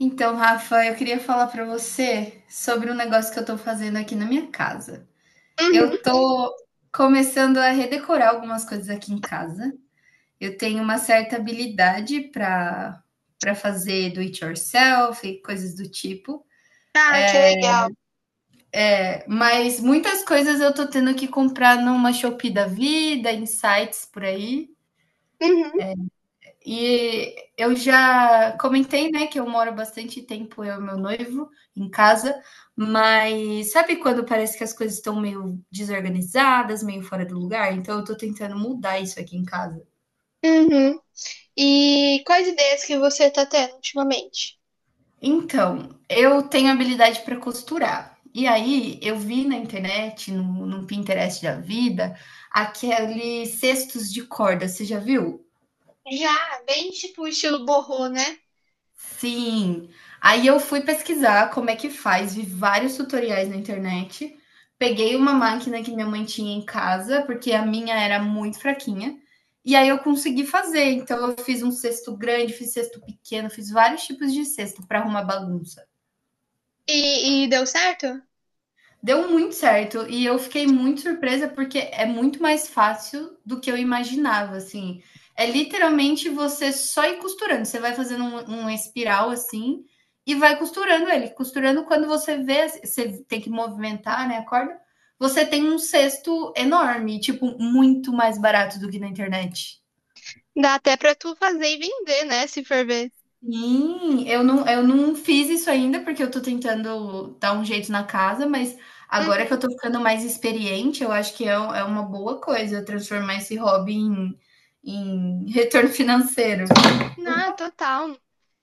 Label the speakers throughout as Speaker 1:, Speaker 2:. Speaker 1: Então, Rafa, eu queria falar para você sobre um negócio que eu estou fazendo aqui na minha casa. Eu
Speaker 2: Uhum.
Speaker 1: estou começando a redecorar algumas coisas aqui em casa. Eu tenho uma certa habilidade para fazer do it yourself e coisas do tipo.
Speaker 2: Ah, que legal.
Speaker 1: É, mas muitas coisas eu estou tendo que comprar numa Shopee da vida, em sites por aí.
Speaker 2: Uhum.
Speaker 1: E eu já comentei, né, que eu moro bastante tempo, eu e meu noivo, em casa, mas sabe quando parece que as coisas estão meio desorganizadas, meio fora do lugar? Então eu tô tentando mudar isso aqui em casa.
Speaker 2: Uhum. E quais ideias que você tá tendo ultimamente?
Speaker 1: Então, eu tenho habilidade para costurar. E aí eu vi na internet, no Pinterest da vida, aqueles cestos de corda, você já viu?
Speaker 2: Já, bem tipo estilo borrô, né?
Speaker 1: Sim. Aí eu fui pesquisar como é que faz, vi vários tutoriais na internet. Peguei uma máquina que minha mãe tinha em casa, porque a minha era muito fraquinha. E aí eu consegui fazer. Então eu fiz um cesto grande, fiz cesto pequeno, fiz vários tipos de cesto para arrumar bagunça.
Speaker 2: E deu certo?
Speaker 1: Deu muito certo e eu fiquei muito surpresa porque é muito mais fácil do que eu imaginava, assim. É literalmente você só ir costurando. Você vai fazendo um espiral assim e vai costurando ele. Costurando quando você vê, você tem que movimentar, né, a corda. Você tem um cesto enorme, tipo, muito mais barato do que na internet.
Speaker 2: Dá até pra tu fazer e vender, né? Se for ver.
Speaker 1: Sim, eu não fiz isso ainda, porque eu tô tentando dar um jeito na casa, mas agora que eu
Speaker 2: Uhum.
Speaker 1: tô ficando mais experiente, eu acho que é, é uma boa coisa transformar esse hobby em retorno financeiro.
Speaker 2: Não,
Speaker 1: Opa!
Speaker 2: total.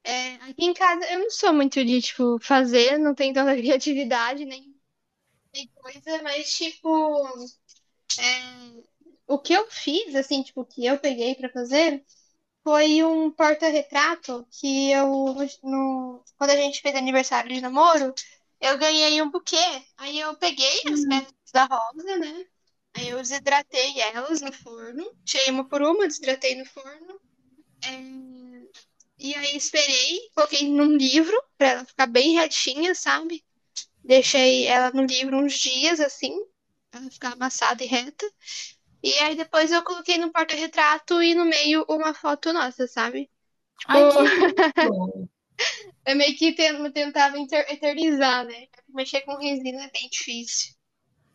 Speaker 2: É, aqui em casa eu não sou muito de, tipo, fazer, não tenho tanta criatividade nem, nem coisa, mas, tipo, é, o que eu fiz, assim, tipo, o que eu peguei pra fazer. Foi um porta-retrato que eu, no, quando a gente fez aniversário de namoro, eu ganhei um buquê. Aí eu peguei as pétalas da rosa, né? Aí eu desidratei elas no forno, tirei uma por uma, desidratei no forno. é, E aí esperei, coloquei num livro pra ela ficar bem retinha, sabe? Deixei ela no livro uns dias, assim, pra ela ficar amassada e reta. E aí depois eu coloquei no porta-retrato e no meio uma foto nossa, sabe? Tipo,
Speaker 1: Ai, que lindo!
Speaker 2: eu meio que tentava eternizar, né? Mexer com resina é bem difícil.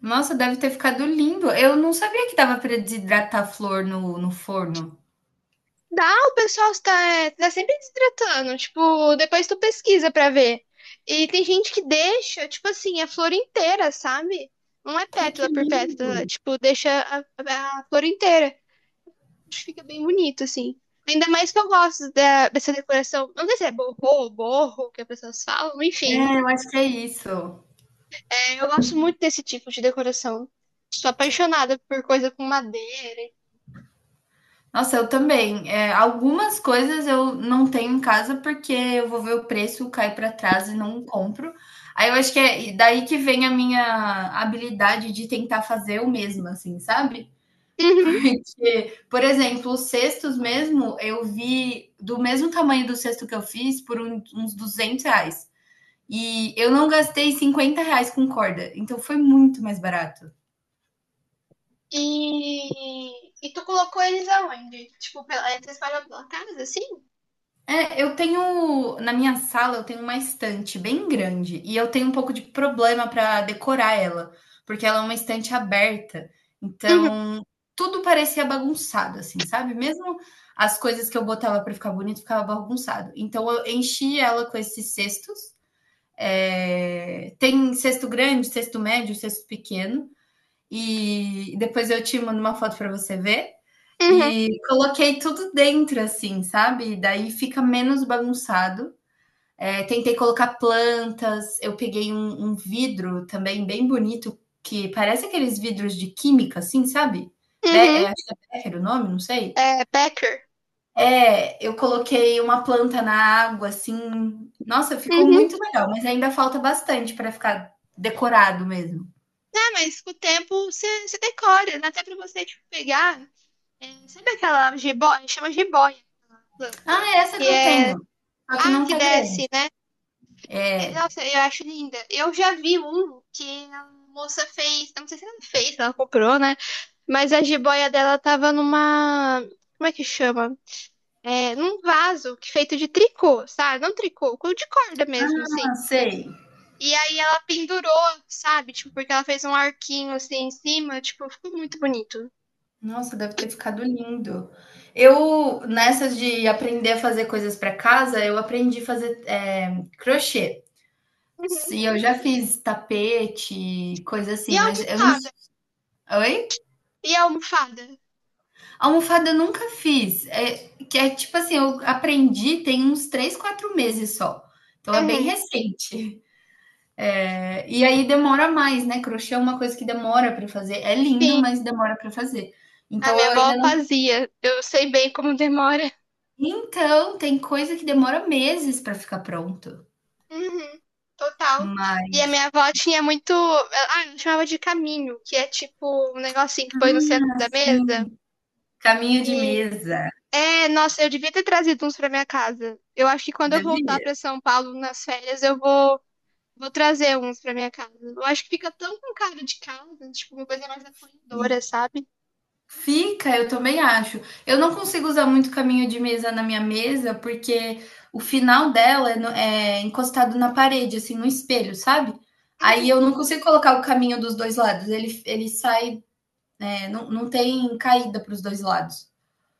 Speaker 1: Nossa, deve ter ficado lindo. Eu não sabia que dava para desidratar a flor no forno.
Speaker 2: Dá, o pessoal tá sempre desidratando. Tipo, depois tu pesquisa pra ver. E tem gente que deixa, tipo assim, a flor inteira, sabe? Não é
Speaker 1: Ai, que
Speaker 2: pétala por
Speaker 1: lindo!
Speaker 2: pétala. Tipo, deixa a flor inteira. Acho que fica bem bonito, assim. Ainda mais que eu gosto dessa decoração. Não sei se é borrô, borro, que as pessoas falam. Enfim,
Speaker 1: É, eu acho que é isso.
Speaker 2: eu gosto muito desse tipo de decoração. Sou apaixonada por coisa com madeira.
Speaker 1: Nossa, eu também. É, algumas coisas eu não tenho em casa porque eu vou ver o preço, cai para trás e não compro. Aí eu acho que é daí que vem a minha habilidade de tentar fazer eu mesma, assim, sabe?
Speaker 2: Uhum.
Speaker 1: Porque, por exemplo, os cestos mesmo, eu vi do mesmo tamanho do cesto que eu fiz por uns R$ 200. E eu não gastei R$ 50 com corda, então foi muito mais barato.
Speaker 2: E, e tu colocou eles aonde? Tipo, pela, entre as casa, assim?
Speaker 1: É, eu tenho, na minha sala, eu tenho uma estante bem grande e eu tenho um pouco de problema para decorar ela, porque ela é uma estante aberta.
Speaker 2: Uhum.
Speaker 1: Então, tudo parecia bagunçado, assim, sabe? Mesmo as coisas que eu botava para ficar bonito ficava bagunçado. Então, eu enchi ela com esses cestos. É, tem cesto grande, cesto médio, cesto pequeno e depois eu te mando uma foto para você ver.
Speaker 2: Uhum.
Speaker 1: E coloquei tudo dentro, assim, sabe? Daí fica menos bagunçado. É, tentei colocar plantas, eu peguei um vidro também bem bonito, que parece aqueles vidros de química, assim, sabe? Be
Speaker 2: Uhum.
Speaker 1: É, acho que é Becker o nome, não sei.
Speaker 2: É, Packer.
Speaker 1: É, eu coloquei uma planta na água, assim. Nossa, ficou
Speaker 2: Uhum.
Speaker 1: muito legal, mas ainda falta bastante para ficar decorado mesmo.
Speaker 2: Ah, mas com o tempo você decora, dá até pra você, tipo, pegar. É, sabe aquela jiboia? Chama jiboia a
Speaker 1: Ah,
Speaker 2: planta.
Speaker 1: é essa
Speaker 2: Que
Speaker 1: que eu
Speaker 2: é.
Speaker 1: tenho, só que
Speaker 2: Ah,
Speaker 1: não
Speaker 2: que
Speaker 1: tá grande.
Speaker 2: desce, né? É, nossa, eu acho linda. Eu já vi um que a moça fez. Eu Não sei se ela fez, se ela comprou, né? Mas a jiboia dela tava numa. Como é que chama? Num vaso que feito de tricô, sabe? Não tricô, de corda mesmo, assim.
Speaker 1: Ah, sei.
Speaker 2: E aí ela pendurou, sabe? Tipo, porque ela fez um arquinho assim em cima, tipo, ficou muito bonito.
Speaker 1: Nossa, deve ter ficado lindo. Eu, nessas de aprender a fazer coisas para casa, eu aprendi a fazer crochê.
Speaker 2: Uhum.
Speaker 1: E eu já fiz tapete, coisa
Speaker 2: E
Speaker 1: assim,
Speaker 2: a
Speaker 1: mas eu não.
Speaker 2: almofada?
Speaker 1: Oi?
Speaker 2: E a almofada?
Speaker 1: Almofada eu nunca fiz. É, que é tipo assim, eu aprendi tem uns 3, 4 meses só. Então é bem
Speaker 2: Uhum.
Speaker 1: recente. É, e aí demora mais, né? Crochê é uma coisa que demora para fazer. É lindo,
Speaker 2: Sim,
Speaker 1: mas demora para fazer.
Speaker 2: a
Speaker 1: Então
Speaker 2: minha
Speaker 1: eu
Speaker 2: avó
Speaker 1: ainda não.
Speaker 2: fazia. Eu sei bem como demora.
Speaker 1: Então, tem coisa que demora meses para ficar pronto,
Speaker 2: Uhum. Total. E a
Speaker 1: mas
Speaker 2: minha avó tinha muito. Ah, ela chamava de caminho, que é tipo um negocinho que põe no centro da mesa.
Speaker 1: sim, caminho de
Speaker 2: E
Speaker 1: mesa,
Speaker 2: é, nossa, eu devia ter trazido uns pra minha casa. Eu acho que quando eu voltar pra
Speaker 1: devia.
Speaker 2: São Paulo nas férias, vou trazer uns pra minha casa. Eu acho que fica tão com cara de casa, tipo, uma coisa mais
Speaker 1: E
Speaker 2: acolhedora, sabe?
Speaker 1: fica, eu também acho. Eu não consigo usar muito caminho de mesa na minha mesa, porque o final dela é no é encostado na parede, assim, no espelho, sabe. Aí
Speaker 2: Uhum,
Speaker 1: eu não consigo colocar o caminho dos 2 lados, ele sai, não tem caída para os 2 lados.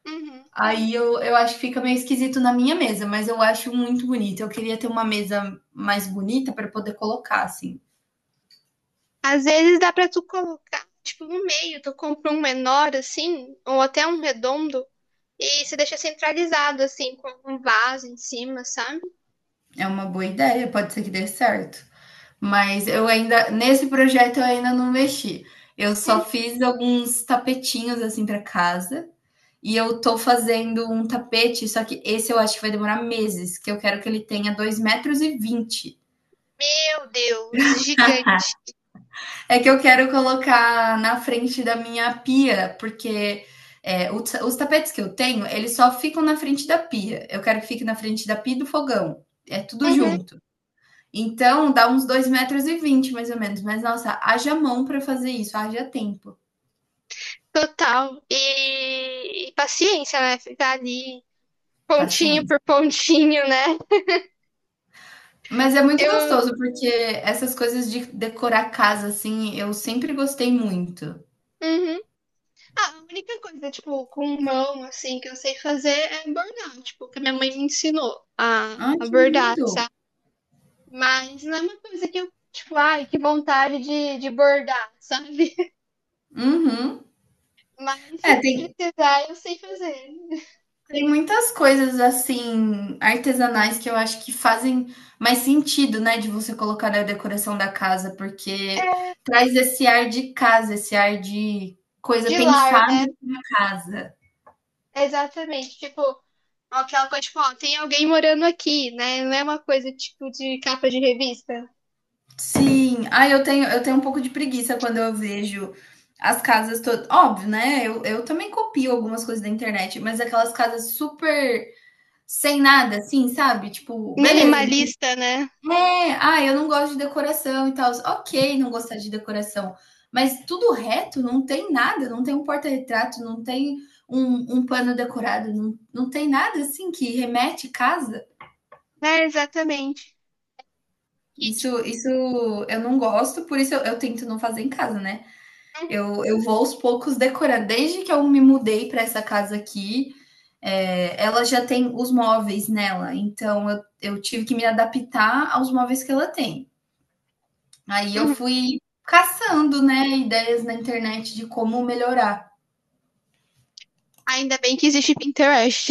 Speaker 2: uhum.
Speaker 1: Aí eu acho que fica meio esquisito na minha mesa, mas eu acho muito bonito. Eu queria ter uma mesa mais bonita para poder colocar, assim.
Speaker 2: Às vezes dá pra tu colocar, tipo, no meio, tu compra um menor assim, ou até um redondo, e você deixa centralizado, assim, com um vaso em cima, sabe?
Speaker 1: É uma boa ideia, pode ser que dê certo. Mas eu ainda, nesse projeto eu ainda não mexi. Eu só
Speaker 2: Hum,
Speaker 1: fiz alguns tapetinhos assim para casa. E eu tô fazendo um tapete, só que esse eu acho que vai demorar meses, que eu quero que ele tenha dois metros e 20.
Speaker 2: Meu Deus, gigante.
Speaker 1: É que eu quero colocar na frente da minha pia, porque os tapetes que eu tenho, eles só ficam na frente da pia. Eu quero que fique na frente da pia e do fogão. É tudo
Speaker 2: Uhum.
Speaker 1: junto. Então, dá uns 2 metros, e vinte, mais ou menos. Mas, nossa, haja mão para fazer isso, haja tempo,
Speaker 2: Total. E paciência, né? Ficar ali pontinho
Speaker 1: paciência.
Speaker 2: por pontinho, né?
Speaker 1: Mas é muito
Speaker 2: Eu.
Speaker 1: gostoso, porque essas coisas de decorar a casa, assim, eu sempre gostei muito.
Speaker 2: Uhum. Ah, a única coisa, tipo, com mão, assim, que eu sei fazer é bordar, tipo, que a minha mãe me ensinou
Speaker 1: Ai,
Speaker 2: a
Speaker 1: que
Speaker 2: bordar,
Speaker 1: lindo!
Speaker 2: sabe? Mas não é uma coisa que eu, tipo, ai, que vontade de bordar, sabe?
Speaker 1: Uhum.
Speaker 2: Mas se
Speaker 1: É, tem,
Speaker 2: precisar, eu sei fazer.
Speaker 1: tem muitas coisas assim, artesanais que eu acho que fazem mais sentido, né, de você colocar na decoração da casa, porque traz esse ar de casa, esse ar de coisa
Speaker 2: De lar,
Speaker 1: pensada
Speaker 2: né?
Speaker 1: em casa.
Speaker 2: Exatamente. Tipo, aquela coisa, tipo, ó, tem alguém morando aqui, né? Não é uma coisa, tipo, de capa de revista.
Speaker 1: Sim, ah, eu tenho um pouco de preguiça quando eu vejo as casas todas óbvio, né, eu também copio algumas coisas da internet, mas aquelas casas super sem nada, assim, sabe, tipo, beleza.
Speaker 2: Minimalista, né?
Speaker 1: É, ah, eu não gosto de decoração e tal. Ok, não gostar de decoração, mas tudo reto, não tem nada, não tem um porta-retrato, não tem um pano decorado, não, não tem nada assim que remete casa.
Speaker 2: É, exatamente. Que,
Speaker 1: Isso,
Speaker 2: tipo,
Speaker 1: isso eu não gosto, por isso eu tento não fazer em casa, né? Eu vou aos poucos decorar. Desde que eu me mudei para essa casa aqui, ela já tem os móveis nela, então eu tive que me adaptar aos móveis que ela tem. Aí eu
Speaker 2: uhum.
Speaker 1: fui caçando, né, ideias na internet de como melhorar.
Speaker 2: Ainda bem que existe Pinterest.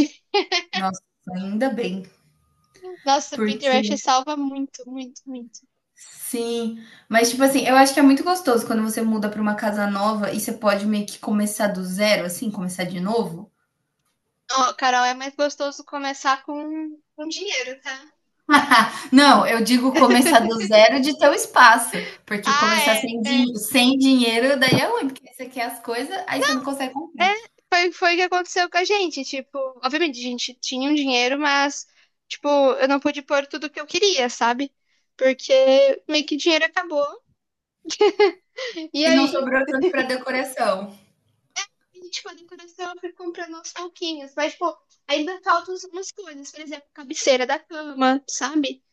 Speaker 1: Nossa, ainda bem,
Speaker 2: Nossa,
Speaker 1: porque
Speaker 2: Pinterest salva muito, muito, muito.
Speaker 1: sim, mas tipo assim, eu acho que é muito gostoso quando você muda para uma casa nova e você pode meio que começar do zero, assim, começar de novo.
Speaker 2: Ó, Carol, é mais gostoso começar com, dinheiro, tá?
Speaker 1: Não, eu digo começar do zero de ter o espaço, porque começar
Speaker 2: Ah, é.
Speaker 1: sem dinheiro daí é ruim, porque você quer as coisas, aí você não consegue
Speaker 2: É,
Speaker 1: comprar.
Speaker 2: foi o que aconteceu com a gente. Tipo, obviamente, a gente tinha um dinheiro, mas, tipo, eu não pude pôr tudo que eu queria, sabe? Porque meio que o dinheiro acabou. E
Speaker 1: E não
Speaker 2: aí,
Speaker 1: sobrou tanto para decoração.
Speaker 2: tipo, a decoração eu fui comprando aos pouquinhos. Mas, tipo, ainda faltam umas coisas. Por exemplo, cabeceira da cama, sabe?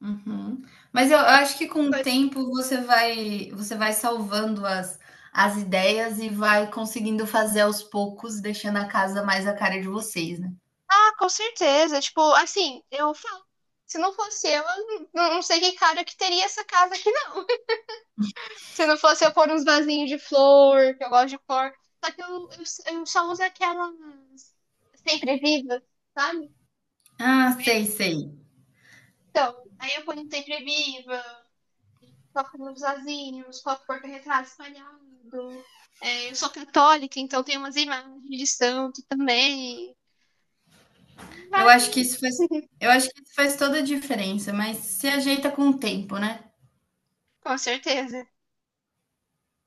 Speaker 1: Uhum. Mas eu acho que com o tempo você vai salvando as ideias e vai conseguindo fazer aos poucos, deixando a casa mais a cara de vocês, né.
Speaker 2: Ah, com certeza. Tipo, assim, eu falo. Se não fosse eu, não sei que cara que teria essa casa aqui, não. Se não fosse eu pôr uns vasinhos de flor, que eu gosto de flor. Só que eu só uso aquelas sempre vivas, sabe?
Speaker 1: Ah, sei, sei.
Speaker 2: Então, aí eu ponho um sempre viva, coloco nos vasinhos, coloco porta-retrato espalhado. É, eu sou católica, então tem umas imagens de santo também.
Speaker 1: Eu acho
Speaker 2: Vai,
Speaker 1: que isso faz eu acho que isso faz toda a diferença, mas se ajeita com o tempo, né.
Speaker 2: com certeza.